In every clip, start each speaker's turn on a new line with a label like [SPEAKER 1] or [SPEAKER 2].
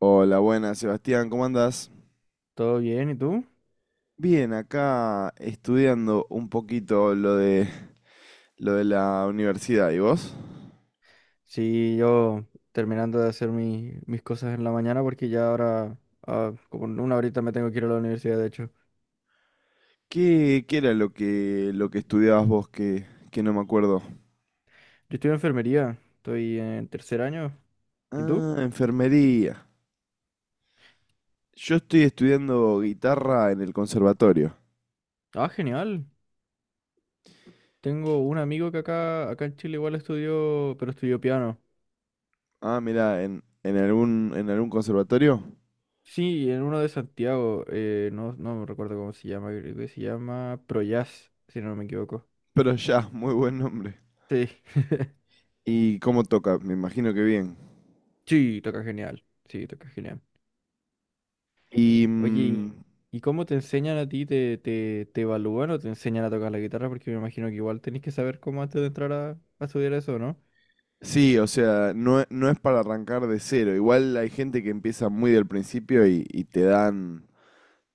[SPEAKER 1] Hola, buenas, Sebastián, ¿cómo andás?
[SPEAKER 2] ¿Todo bien? ¿Y tú?
[SPEAKER 1] Bien, acá estudiando un poquito lo de la universidad, ¿y vos?
[SPEAKER 2] Sí, yo terminando de hacer mis cosas en la mañana porque ya ahora, como en una horita me tengo que ir a la universidad, de hecho.
[SPEAKER 1] ¿Qué era lo que estudiabas vos que no me acuerdo?
[SPEAKER 2] Yo estoy en enfermería, estoy en tercer año. ¿Y tú?
[SPEAKER 1] Ah, enfermería. Yo estoy estudiando guitarra en el conservatorio.
[SPEAKER 2] Ah, genial. Tengo un amigo que acá en Chile igual estudió, pero estudió piano.
[SPEAKER 1] Ah, mira, en algún conservatorio.
[SPEAKER 2] Sí, en uno de Santiago, no, no me recuerdo cómo se llama, creo que se llama Projazz, si no me equivoco.
[SPEAKER 1] Pero ya, muy buen nombre.
[SPEAKER 2] Sí,
[SPEAKER 1] ¿Y cómo toca? Me imagino que bien.
[SPEAKER 2] sí, toca genial, sí, toca genial.
[SPEAKER 1] ¿Y?
[SPEAKER 2] Oye, ¿y cómo te enseñan a ti? ¿Te evalúan o te enseñan a tocar la guitarra? Porque me imagino que igual tenés que saber cómo antes de entrar a estudiar eso, ¿no?
[SPEAKER 1] Sí, o sea, no, no es para arrancar de cero. Igual hay gente que empieza muy del principio y te dan,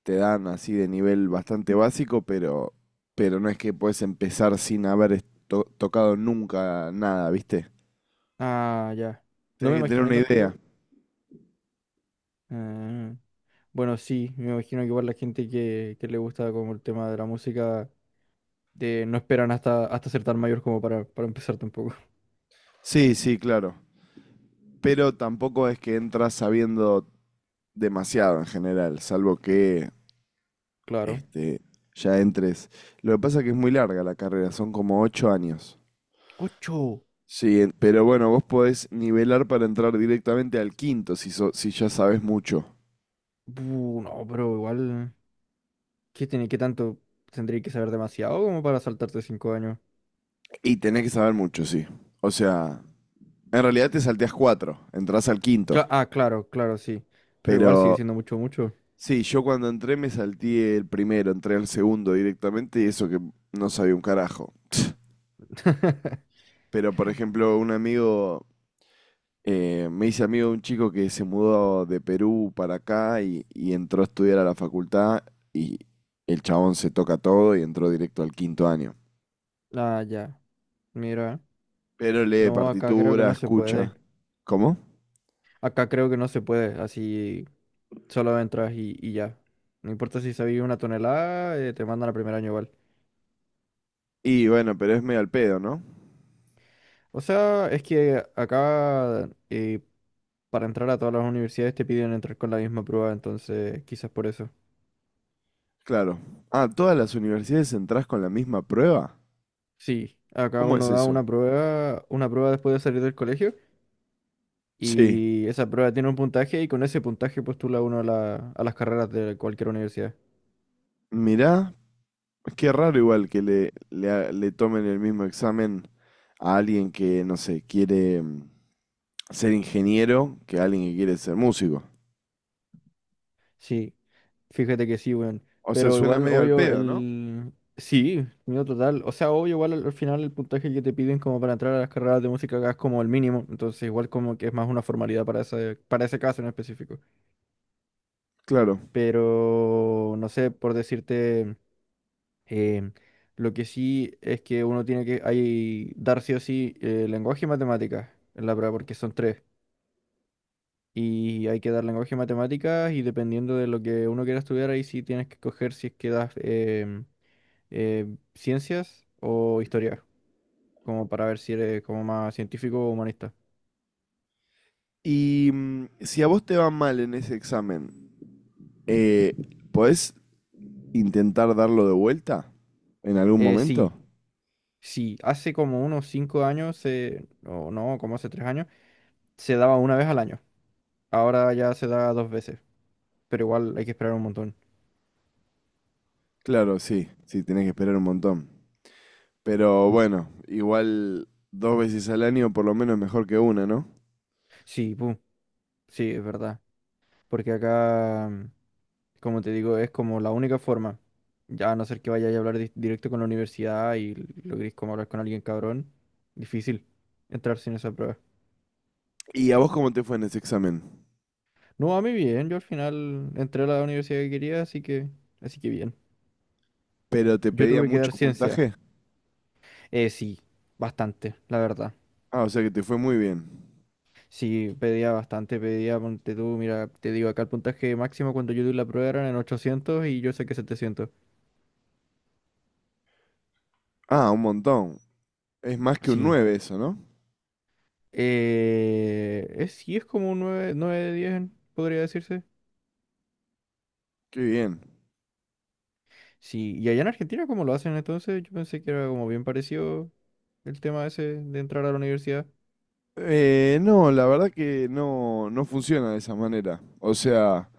[SPEAKER 1] te dan así de nivel bastante básico, pero no es que puedes empezar sin haber tocado nunca nada, ¿viste?
[SPEAKER 2] Ah, ya. No me
[SPEAKER 1] Tienes que tener
[SPEAKER 2] imaginé
[SPEAKER 1] una idea.
[SPEAKER 2] tampoco. Ah, Bueno, sí, me imagino que igual la gente que le gusta como el tema de la música de, no esperan hasta ser tan mayor como para empezar tampoco.
[SPEAKER 1] Sí, sí, claro. Pero tampoco es que entras sabiendo demasiado en general, salvo que
[SPEAKER 2] Claro.
[SPEAKER 1] este, ya entres. Lo que pasa es que es muy larga la carrera, son como 8 años.
[SPEAKER 2] ¡Ocho!
[SPEAKER 1] Sí, pero bueno, vos podés nivelar para entrar directamente al quinto si ya sabes mucho.
[SPEAKER 2] Bu, no, pero igual. ¿Qué tiene, qué tanto? ¿Tendría que saber demasiado como para saltarte cinco años?
[SPEAKER 1] Y tenés que saber mucho, sí. O sea, en realidad te salteás cuatro, entrás al quinto.
[SPEAKER 2] Claro, claro, sí. Pero igual sigue
[SPEAKER 1] Pero
[SPEAKER 2] siendo mucho, mucho.
[SPEAKER 1] sí, yo cuando entré me salté el primero, entré al segundo directamente y eso que no sabía un carajo. Pero por ejemplo, un amigo, me hice amigo de un chico que se mudó de Perú para acá y entró a estudiar a la facultad y el chabón se toca todo y entró directo al quinto año.
[SPEAKER 2] Ah, ya. Mira.
[SPEAKER 1] Pero lee
[SPEAKER 2] No, acá creo que
[SPEAKER 1] partitura,
[SPEAKER 2] no se puede.
[SPEAKER 1] escucha. ¿Cómo?
[SPEAKER 2] Acá creo que no se puede. Así solo entras y ya. No importa si sabías una tonelada, te mandan al primer año igual.
[SPEAKER 1] Y bueno, pero es medio al pedo, ¿no?
[SPEAKER 2] O sea, es que acá para entrar a todas las universidades te piden entrar con la misma prueba, entonces quizás por eso.
[SPEAKER 1] Claro. Ah, ¿todas las universidades entras con la misma prueba?
[SPEAKER 2] Sí, acá
[SPEAKER 1] ¿Cómo es
[SPEAKER 2] uno da
[SPEAKER 1] eso?
[SPEAKER 2] una prueba después de salir del colegio.
[SPEAKER 1] Sí.
[SPEAKER 2] Y esa prueba tiene un puntaje y con ese puntaje postula uno a las carreras de cualquier universidad.
[SPEAKER 1] Mirá, qué raro igual que le tomen el mismo examen a alguien que, no sé, quiere ser ingeniero que a alguien que quiere ser músico.
[SPEAKER 2] Sí, fíjate que sí, weón.
[SPEAKER 1] O sea,
[SPEAKER 2] Pero
[SPEAKER 1] suena
[SPEAKER 2] igual,
[SPEAKER 1] medio al
[SPEAKER 2] obvio,
[SPEAKER 1] pedo, ¿no?
[SPEAKER 2] el. Sí, miedo total. O sea, obvio, igual al final el puntaje que te piden como para entrar a las carreras de música acá es como el mínimo. Entonces igual como que es más una formalidad para ese caso en específico.
[SPEAKER 1] Claro.
[SPEAKER 2] Pero, no sé, por decirte. eh, lo que sí es que uno tiene que hay, dar sí o sí lenguaje y matemáticas en la prueba porque son tres. Y hay que dar lenguaje y matemáticas y dependiendo de lo que uno quiera estudiar, ahí sí tienes que coger si es que das eh, ciencias o historia, como para ver si eres como más científico o humanista.
[SPEAKER 1] Y si a vos te va mal en ese examen, eh, ¿podés intentar darlo de vuelta en algún momento?
[SPEAKER 2] Sí, sí, hace como unos 5 años, o no, como hace 3 años, se daba una vez al año. Ahora ya se da dos veces, pero igual hay que esperar un montón.
[SPEAKER 1] Claro, sí, sí, tenés que esperar un montón. Pero bueno, igual dos veces al año por lo menos es mejor que una, ¿no?
[SPEAKER 2] Sí, pum, sí, es verdad, porque acá. Como te digo, es como la única forma. Ya a no ser que vaya a hablar directo con la universidad y logres como hablar con alguien cabrón, difícil entrar sin esa prueba.
[SPEAKER 1] ¿Y a vos cómo te fue en ese examen?
[SPEAKER 2] No, a mí bien, yo al final entré a la universidad que quería, así que bien.
[SPEAKER 1] ¿Pero te
[SPEAKER 2] Yo
[SPEAKER 1] pedía
[SPEAKER 2] tuve que
[SPEAKER 1] mucho
[SPEAKER 2] dar ciencia.
[SPEAKER 1] puntaje?
[SPEAKER 2] Sí, bastante, la verdad.
[SPEAKER 1] Ah, o sea que te fue muy bien.
[SPEAKER 2] Sí, pedía bastante, pedía, ponte tú, mira, te digo, acá el puntaje máximo cuando yo di la prueba eran en 800 y yo saqué 700.
[SPEAKER 1] Ah, un montón. Es más que un
[SPEAKER 2] Sí.
[SPEAKER 1] 9 eso, ¿no?
[SPEAKER 2] Sí, es como un 9 9 de 10 podría decirse.
[SPEAKER 1] Qué bien.
[SPEAKER 2] Sí, y allá en Argentina, ¿cómo lo hacen entonces? Yo pensé que era como bien parecido el tema ese de entrar a la universidad.
[SPEAKER 1] No, la verdad que no, no funciona de esa manera. O sea,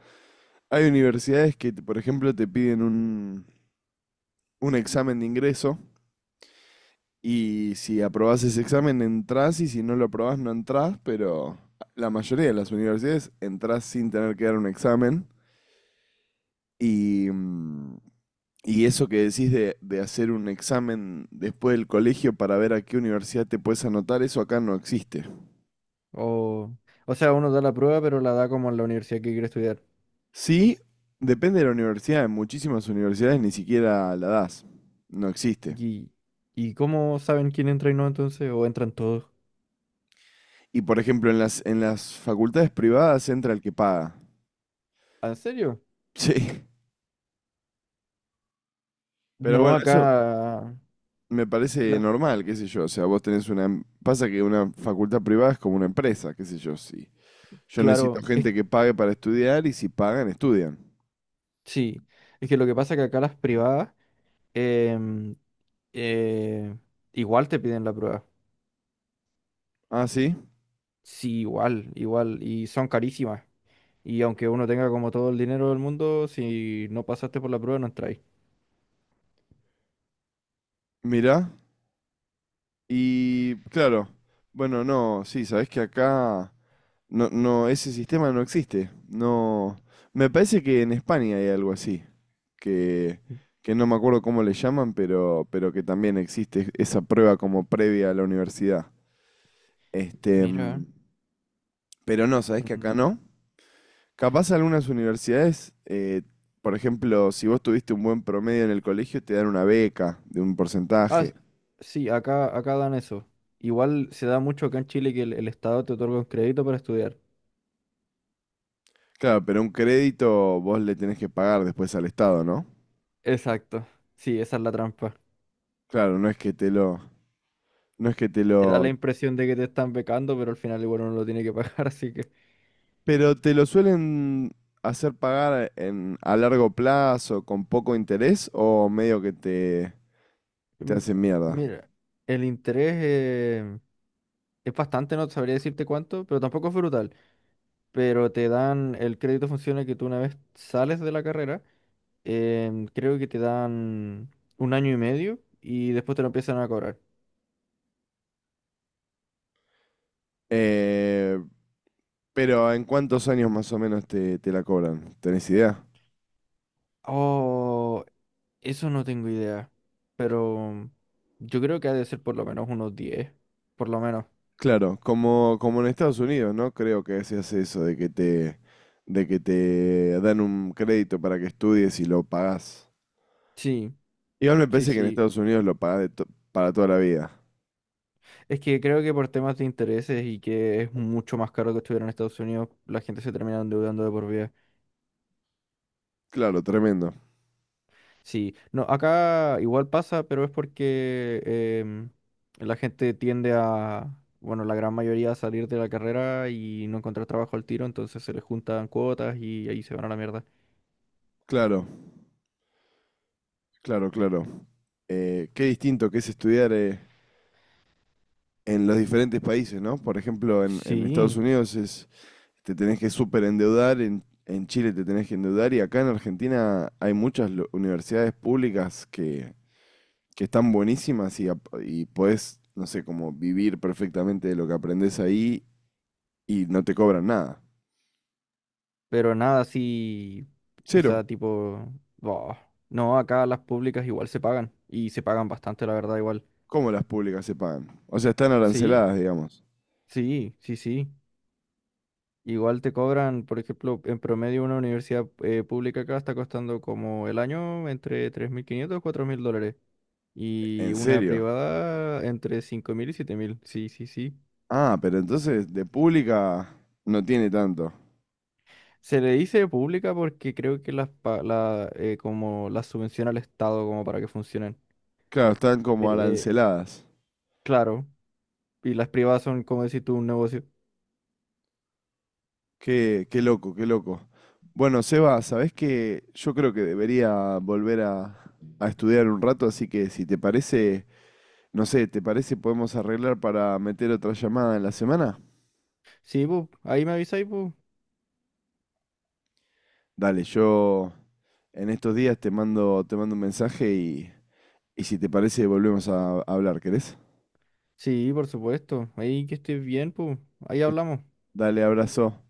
[SPEAKER 1] hay universidades que, por ejemplo, te piden un examen de ingreso. Y si aprobás ese examen, entrás y si no lo aprobás, no entrás, pero la mayoría de las universidades entrás sin tener que dar un examen. Y, mm, y eso que decís de hacer un examen después del colegio para ver a qué universidad te puedes anotar, eso acá no existe.
[SPEAKER 2] O, o sea, uno da la prueba, pero la da como en la universidad que quiere estudiar.
[SPEAKER 1] Sí, depende de la universidad. En muchísimas universidades ni siquiera la das. No existe.
[SPEAKER 2] ¿Y, y cómo saben quién entra y no entonces? ¿O entran todos?
[SPEAKER 1] Y por ejemplo, en las facultades privadas entra el que paga.
[SPEAKER 2] ¿En serio?
[SPEAKER 1] Sí. Pero
[SPEAKER 2] No,
[SPEAKER 1] bueno, eso,
[SPEAKER 2] acá,
[SPEAKER 1] me parece
[SPEAKER 2] las-
[SPEAKER 1] normal, qué sé yo. O sea, vos tenés una. Pasa que una facultad privada es como una empresa, qué sé yo. Sí. Yo necesito
[SPEAKER 2] claro,
[SPEAKER 1] gente que pague para estudiar y si pagan, estudian.
[SPEAKER 2] sí. Es que lo que pasa es que acá las privadas em, eh, igual te piden la prueba.
[SPEAKER 1] Ah, sí.
[SPEAKER 2] Sí, igual, igual. Y son carísimas. Y aunque uno tenga como todo el dinero del mundo, si no pasaste por la prueba, no entráis.
[SPEAKER 1] Mirá. Y claro. Bueno, no, sí, sabés que acá no, no, ese sistema no existe. No. Me parece que en España hay algo así. Que, que no me acuerdo cómo le llaman, pero que también existe esa prueba como previa a la universidad. Este,
[SPEAKER 2] Mira.
[SPEAKER 1] mm, pero no, ¿sabés que acá
[SPEAKER 2] Mm.
[SPEAKER 1] no? Capaz algunas universidades, por ejemplo, si vos tuviste un buen promedio en el colegio, te dan una beca de un
[SPEAKER 2] Ah,
[SPEAKER 1] porcentaje.
[SPEAKER 2] s- sí, acá dan eso. Igual se da mucho acá en Chile que el Estado te otorga un crédito para estudiar.
[SPEAKER 1] Claro, pero un crédito vos le tenés que pagar después al Estado, ¿no?
[SPEAKER 2] Exacto. Sí, esa es la trampa.
[SPEAKER 1] Claro, no es que te lo, no es que te
[SPEAKER 2] Te da
[SPEAKER 1] lo,
[SPEAKER 2] la impresión de que te están becando, pero al final igual uno lo tiene que pagar, así que.
[SPEAKER 1] pero te lo suelen hacer pagar a largo plazo con poco interés o medio que te
[SPEAKER 2] Mm.
[SPEAKER 1] hacen mierda.
[SPEAKER 2] Mira, el interés es bastante, no sabría decirte cuánto, pero tampoco es brutal. Pero te dan, el crédito funciona que tú una vez sales de la carrera, creo que te dan un año y medio y después te lo empiezan a cobrar.
[SPEAKER 1] Eh, pero ¿en cuántos años más o menos te la cobran? ¿Tenés idea?
[SPEAKER 2] Oh, eso no tengo idea, pero yo creo que ha de ser por lo menos unos 10 por lo menos.
[SPEAKER 1] Claro, como en Estados Unidos, ¿no? Creo que se hace eso de que te dan un crédito para que estudies y lo pagás.
[SPEAKER 2] Sí,
[SPEAKER 1] Igual me
[SPEAKER 2] sí,
[SPEAKER 1] parece que en
[SPEAKER 2] sí.
[SPEAKER 1] Estados Unidos lo pagás para toda la vida.
[SPEAKER 2] Es que creo que por temas de intereses y que es mucho más caro que estuviera en Estados Unidos, la gente se termina endeudando de por vida.
[SPEAKER 1] Claro, tremendo.
[SPEAKER 2] Sí, no, acá igual pasa, pero es porque la gente tiende a, bueno, la gran mayoría a salir de la carrera y no encontrar trabajo al tiro, entonces se les juntan cuotas y ahí se van a la mierda.
[SPEAKER 1] Claro, claro, claro. Qué distinto que es estudiar en los diferentes países, ¿no? Por ejemplo, en Estados
[SPEAKER 2] Sí,
[SPEAKER 1] Unidos te tenés que súper endeudar, en Chile te tenés que endeudar y acá en Argentina hay muchas universidades públicas que están buenísimas y, y podés, no sé, como vivir perfectamente de lo que aprendés ahí y no te cobran nada.
[SPEAKER 2] pero nada así, o
[SPEAKER 1] Cero.
[SPEAKER 2] sea, tipo, boh, no, acá las públicas igual se pagan y se pagan bastante, la verdad, igual.
[SPEAKER 1] ¿Cómo las públicas se pagan? O sea, están
[SPEAKER 2] Sí,
[SPEAKER 1] aranceladas, digamos.
[SPEAKER 2] sí, sí, sí. Igual te cobran, por ejemplo, en promedio una universidad pública acá está costando como el año entre 3.500 $4.000. Y
[SPEAKER 1] ¿En
[SPEAKER 2] una
[SPEAKER 1] serio?
[SPEAKER 2] privada entre 5.000 y 7.000. Sí, sí, sí.
[SPEAKER 1] Ah, pero entonces de pública no tiene tanto.
[SPEAKER 2] Se le dice pública porque creo que como las subvenciona el Estado como para que funcionen.
[SPEAKER 1] Claro, están como
[SPEAKER 2] Eh,
[SPEAKER 1] aranceladas.
[SPEAKER 2] claro. Y las privadas son, como decir tú, un negocio.
[SPEAKER 1] Qué loco, qué loco. Bueno, Seba, ¿sabés qué? Yo creo que debería volver a estudiar un rato, así que si te parece, no sé, ¿te parece podemos arreglar para meter otra llamada en la semana?
[SPEAKER 2] Sí, pues, ahí me avisáis, pues.
[SPEAKER 1] Dale, yo en estos días te mando un mensaje y si te parece volvemos a hablar, ¿querés?
[SPEAKER 2] Sí, por supuesto. Ahí que estés bien, pues. Ahí
[SPEAKER 1] Eh,
[SPEAKER 2] hablamos.
[SPEAKER 1] Dale, abrazo.